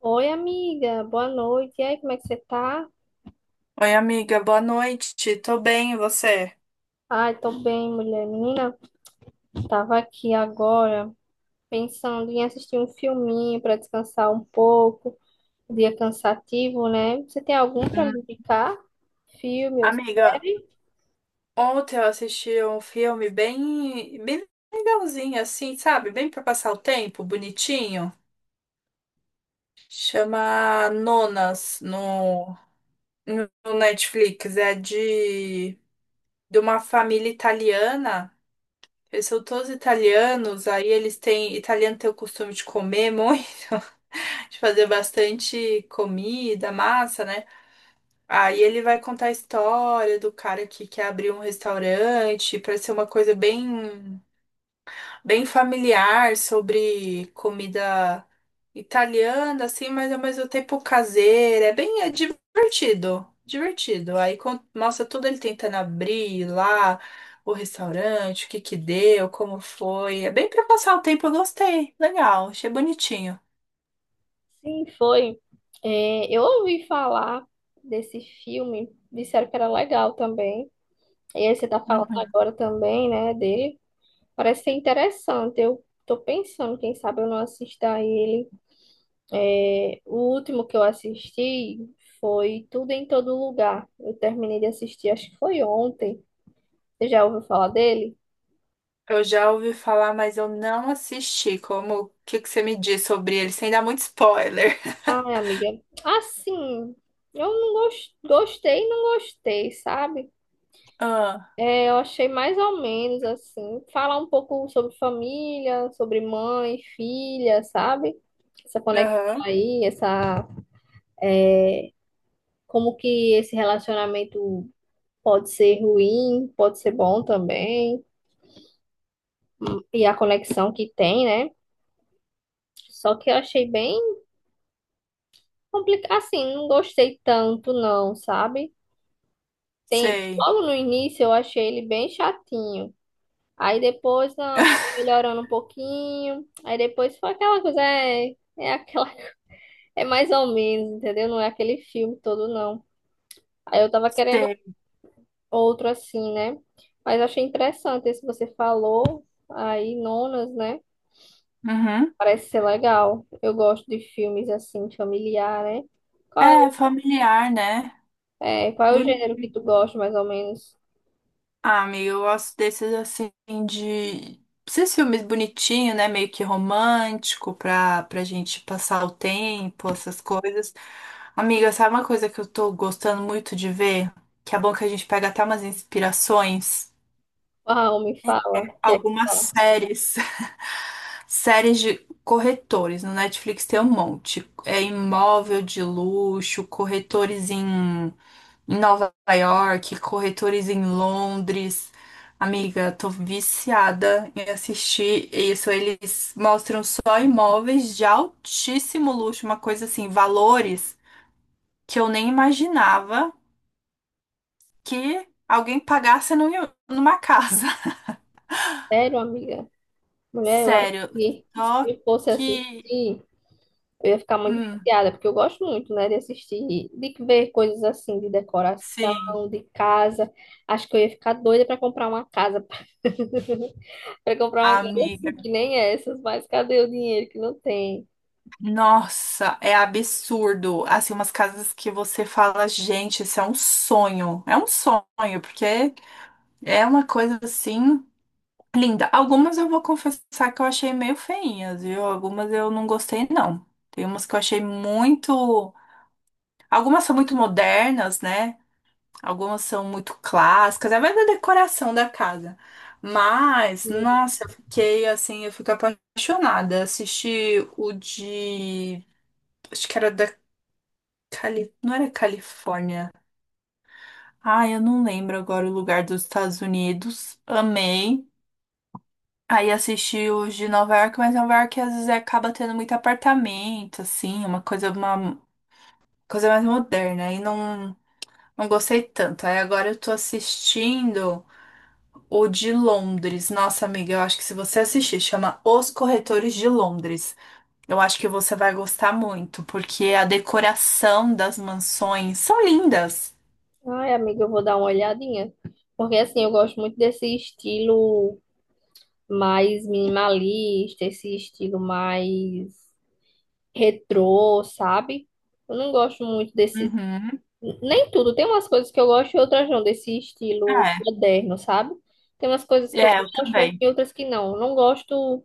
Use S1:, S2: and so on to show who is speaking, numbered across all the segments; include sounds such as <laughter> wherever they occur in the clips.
S1: Oi, amiga, boa noite. E aí, como é que você tá?
S2: Oi, amiga, boa noite. Tô bem, e você?
S1: Ai, tô bem, mulher. Menina, tava aqui agora pensando em assistir um filminho pra descansar um pouco. Dia cansativo, né? Você tem algum pra me
S2: Hum,
S1: indicar? Filme ou
S2: Amiga,
S1: série?
S2: ontem eu assisti um filme bem legalzinho, assim, sabe? Bem pra passar o tempo, bonitinho. Chama Nonas no Netflix. É de uma família italiana. Eles são todos italianos, aí eles têm. Italiano tem o costume de comer muito, <laughs> de fazer bastante comida, massa, né? Aí ele vai contar a história do cara que quer abrir um restaurante para ser uma coisa bem familiar sobre comida italiana, assim, mas ao mesmo tempo caseira. É bem é divertido, divertido. Mostra tudo ele tentando abrir lá o restaurante, o que que deu, como foi. É bem para passar o tempo, eu gostei. Legal, achei bonitinho.
S1: Sim, foi. É, eu ouvi falar desse filme, disseram que era legal também. E aí, você tá falando
S2: Uhum.
S1: agora também, né, dele. Parece ser interessante. Eu tô pensando, quem sabe eu não assista a ele. É, o último que eu assisti foi Tudo em Todo Lugar. Eu terminei de assistir, acho que foi ontem. Você já ouviu falar dele?
S2: Eu já ouvi falar, mas eu não assisti. O que que você me diz sobre ele, sem dar muito spoiler? <laughs>
S1: Ai, amiga. Assim, eu gostei, e não gostei, sabe?
S2: Ah,
S1: É, eu achei mais ou menos assim. Falar um pouco sobre família, sobre mãe, filha, sabe? Essa conexão
S2: aham,
S1: aí, essa como que esse relacionamento pode ser ruim, pode ser bom também, e a conexão que tem, né? Só que eu achei bem complicado. Assim, não gostei tanto, não, sabe? Tem...
S2: sei.
S1: Logo no início eu achei ele bem chatinho. Aí depois, não, tô
S2: <laughs>
S1: melhorando um pouquinho. Aí depois foi aquela coisa, é aquela. <laughs> É mais ou menos, entendeu? Não é aquele filme todo, não. Aí eu tava querendo
S2: Sei.
S1: outro assim, né? Mas achei interessante esse que você falou. Aí, nonas, né?
S2: Uhum.
S1: Parece ser legal. Eu gosto de filmes assim, familiar, né? Qual é
S2: É familiar, né?
S1: É, qual é o
S2: Boni-
S1: gênero que tu gosta, mais ou menos?
S2: Ah, amiga, eu gosto desses assim de esses filmes bonitinhos, né? Meio que romântico pra gente passar o tempo, essas coisas. Amiga, sabe uma coisa que eu tô gostando muito de ver? Que é bom que a gente pega até umas inspirações.
S1: Uau, me fala, que é que
S2: Algumas
S1: tá.
S2: séries. <laughs> Séries de corretores. No Netflix tem um monte. É imóvel de luxo, em Nova York, corretores em Londres. Amiga, tô viciada em assistir isso. Eles mostram só imóveis de altíssimo luxo, uma coisa assim, valores que eu nem imaginava que alguém pagasse numa casa.
S1: Sério, amiga?
S2: <laughs>
S1: Mulher, eu acho
S2: Sério,
S1: que se
S2: só
S1: eu fosse
S2: que
S1: assistir, eu ia ficar muito
S2: hum,
S1: viciada, porque eu gosto muito, né, de assistir, de ver coisas assim, de
S2: sim,
S1: decoração, de casa. Acho que eu ia ficar doida pra comprar uma casa. <laughs> Pra comprar uma casa assim,
S2: amiga.
S1: que nem essas, mas cadê o dinheiro que não tem?
S2: Nossa, é absurdo. Assim, umas casas que você fala, gente, isso é um sonho. É um sonho, porque é uma coisa assim linda. Algumas eu vou confessar que eu achei meio feinhas, viu? Algumas eu não gostei, não. Tem umas que eu achei muito. Algumas são muito modernas, né? Algumas são muito clássicas, é mais da decoração da casa. Mas,
S1: E,
S2: nossa, eu fiquei assim, eu fico apaixonada. Assisti o de. Acho que era da Cali... Não era Califórnia. Ah, eu não lembro agora o lugar dos Estados Unidos. Amei. Aí assisti os de Nova York, mas Nova York às vezes acaba tendo muito apartamento, assim, uma coisa mais moderna. Não gostei tanto. Aí agora eu tô assistindo o de Londres. Nossa, amiga, eu acho que se você assistir, chama Os Corretores de Londres. Eu acho que você vai gostar muito, porque a decoração das mansões são lindas.
S1: Ai, amiga, eu vou dar uma olhadinha. Porque assim, eu gosto muito desse estilo, mais minimalista, esse estilo mais retrô, sabe? Eu não gosto muito desse.
S2: Uhum.
S1: Nem tudo, tem umas coisas que eu gosto e outras não, desse estilo
S2: É,
S1: moderno, sabe? Tem umas coisas que eu
S2: eu
S1: gosto, mas
S2: também.
S1: tem outras que não. Eu não gosto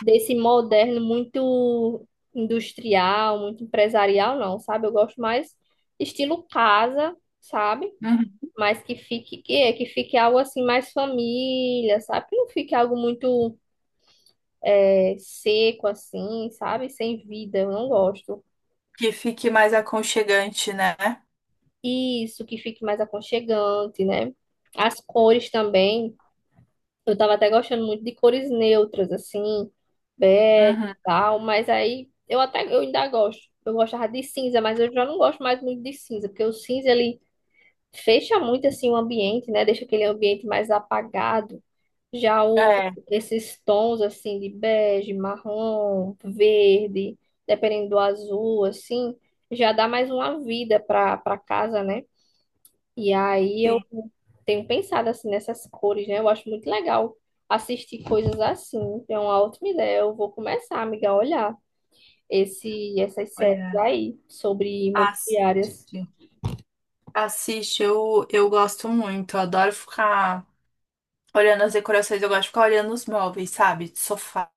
S1: desse moderno muito industrial, muito empresarial, não, sabe? Eu gosto mais estilo casa, sabe?
S2: Uhum.
S1: Mas que fique, que fique algo assim mais família, sabe? Que não fique algo muito seco assim, sabe? Sem vida, eu não gosto.
S2: Que fique mais aconchegante, né?
S1: Isso, que fique mais aconchegante, né? As cores também, eu tava até gostando muito de cores neutras, assim, bege e
S2: Uhum.
S1: tal, mas aí eu até, eu ainda gosto. Eu gostava de cinza, mas eu já não gosto mais muito de cinza, porque o cinza, ele fecha muito, assim, o ambiente, né? Deixa aquele ambiente mais apagado. Já o,
S2: É,
S1: esses tons assim de bege, marrom, verde, dependendo do azul, assim, já dá mais uma vida para casa, né? E aí
S2: sim.
S1: eu tenho pensado assim nessas cores, né? Eu acho muito legal assistir coisas assim. É uma ótima ideia. Eu vou começar, amiga, a olhar esse essas séries
S2: Olha,
S1: aí sobre
S2: assiste.
S1: imobiliárias.
S2: Assiste, eu gosto muito. Eu adoro ficar olhando as decorações, eu gosto de ficar olhando os móveis, sabe? De sofá.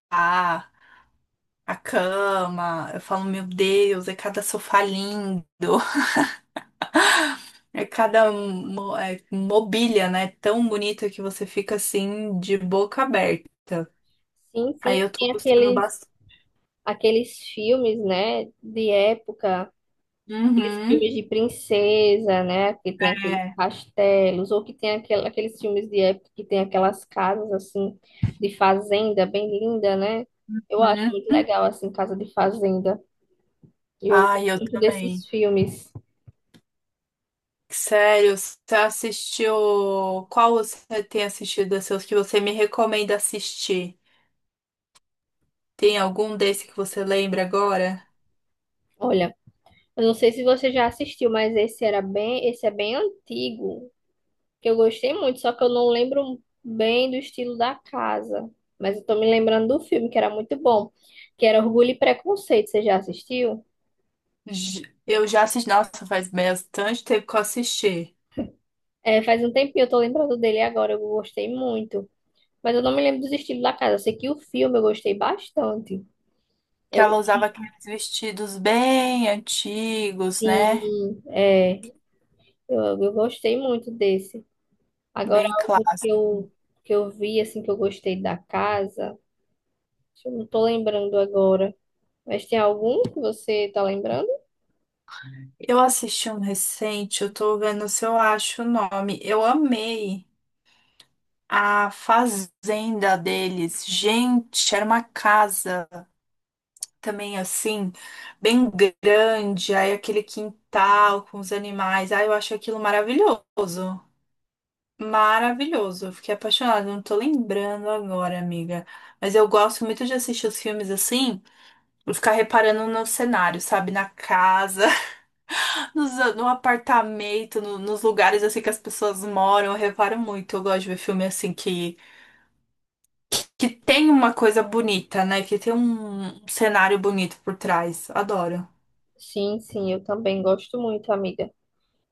S2: A cama, eu falo, meu Deus, é cada sofá lindo, <laughs> mobília, né? Tão bonita que você fica assim, de boca aberta.
S1: Sim,
S2: Aí
S1: sim,
S2: eu tô
S1: tem
S2: gostando bastante.
S1: aqueles filmes, né, de época, aqueles
S2: Uhum,
S1: filmes de princesa, né? Que tem aqueles
S2: é.
S1: castelos, ou que tem aqueles filmes de época que tem aquelas casas assim de fazenda bem linda, né? Eu acho
S2: Hum.
S1: muito legal assim casa de fazenda. Eu
S2: Ai,
S1: gosto
S2: eu
S1: muito desses
S2: também.
S1: filmes.
S2: Sério, você assistiu. Qual você tem assistido desses que você me recomenda assistir? Tem algum desse que você lembra agora?
S1: Olha, eu não sei se você já assistiu, mas esse é bem antigo, que eu gostei muito, só que eu não lembro bem do estilo da casa. Mas eu tô me lembrando do filme, que era muito bom, que era Orgulho e Preconceito. Você já assistiu?
S2: Eu já assisti. Nossa, faz bastante tempo que eu assisti,
S1: É, faz um tempinho, eu tô lembrando dele agora, eu gostei muito. Mas eu não me lembro dos estilos da casa. Eu sei que o filme eu gostei bastante.
S2: que
S1: Eu,
S2: ela usava aqueles vestidos bem antigos, né?
S1: sim, é, eu gostei muito desse. Agora,
S2: Bem
S1: algo
S2: clássicos.
S1: que eu vi, assim, que eu gostei da casa, eu não tô lembrando agora. Mas tem algum que você tá lembrando?
S2: Eu assisti um recente, eu tô vendo se eu acho o nome. Eu amei a fazenda deles. Gente, era uma casa também assim, bem grande, aí aquele quintal com os animais. Ai, eu acho aquilo maravilhoso. Maravilhoso, eu fiquei apaixonada, não tô lembrando agora, amiga. Mas eu gosto muito de assistir os filmes assim. Ficar reparando no cenário, sabe? Na casa, <laughs> no apartamento, nos lugares assim que as pessoas moram. Eu reparo muito. Eu gosto de ver filme assim que tem uma coisa bonita, né? Que tem um cenário bonito por trás. Adoro.
S1: Sim, sim, eu também gosto muito, amiga.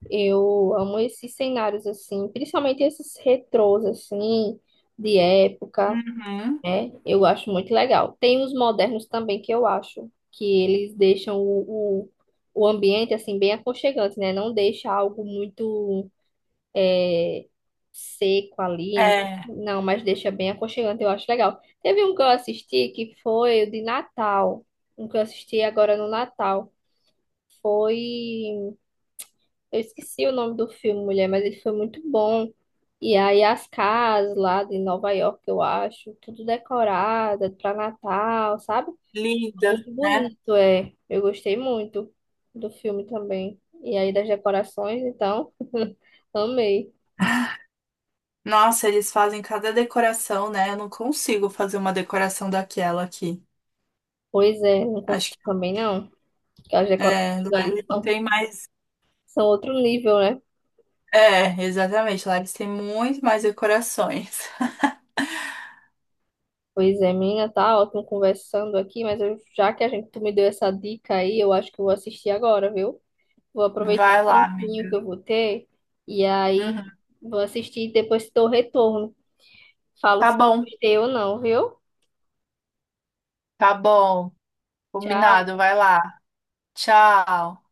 S1: Eu amo esses cenários, assim, principalmente esses retrôs, assim, de época,
S2: Uhum.
S1: né? Eu acho muito legal. Tem os modernos também que eu acho que eles deixam o ambiente assim bem aconchegante, né? Não deixa algo muito seco ali,
S2: É,
S1: não, mas deixa bem aconchegante, eu acho legal. Teve um que eu assisti que foi o de Natal, um que eu assisti agora no Natal. Foi, eu esqueci o nome do filme, mulher, mas ele foi muito bom. E aí as casas lá de Nova York, eu acho, tudo decorada para Natal, sabe?
S2: linda,
S1: Muito
S2: né?
S1: bonito, é. Eu gostei muito do filme também. E aí das decorações, então, <laughs> amei.
S2: Nossa, eles fazem cada decoração, né? Eu não consigo fazer uma decoração daquela aqui.
S1: Pois é, não consigo
S2: Acho que
S1: também não, porque as
S2: é,
S1: decorações
S2: lá
S1: ali
S2: eles
S1: são,
S2: têm mais.
S1: são outro nível, né?
S2: É, exatamente. Lá eles têm muito mais decorações.
S1: Pois é, menina, tá ótimo conversando aqui, mas eu, já que a gente, tu me deu essa dica aí, eu acho que eu vou assistir agora, viu? Vou aproveitar
S2: Vai
S1: o
S2: lá,
S1: tempinho que
S2: amiga.
S1: eu vou ter e aí
S2: Uhum.
S1: vou assistir e depois te dou o retorno. Falo
S2: Tá
S1: se eu
S2: bom,
S1: gostei ou não, viu?
S2: tá bom.
S1: Tchau.
S2: Combinado, vai lá. Tchau.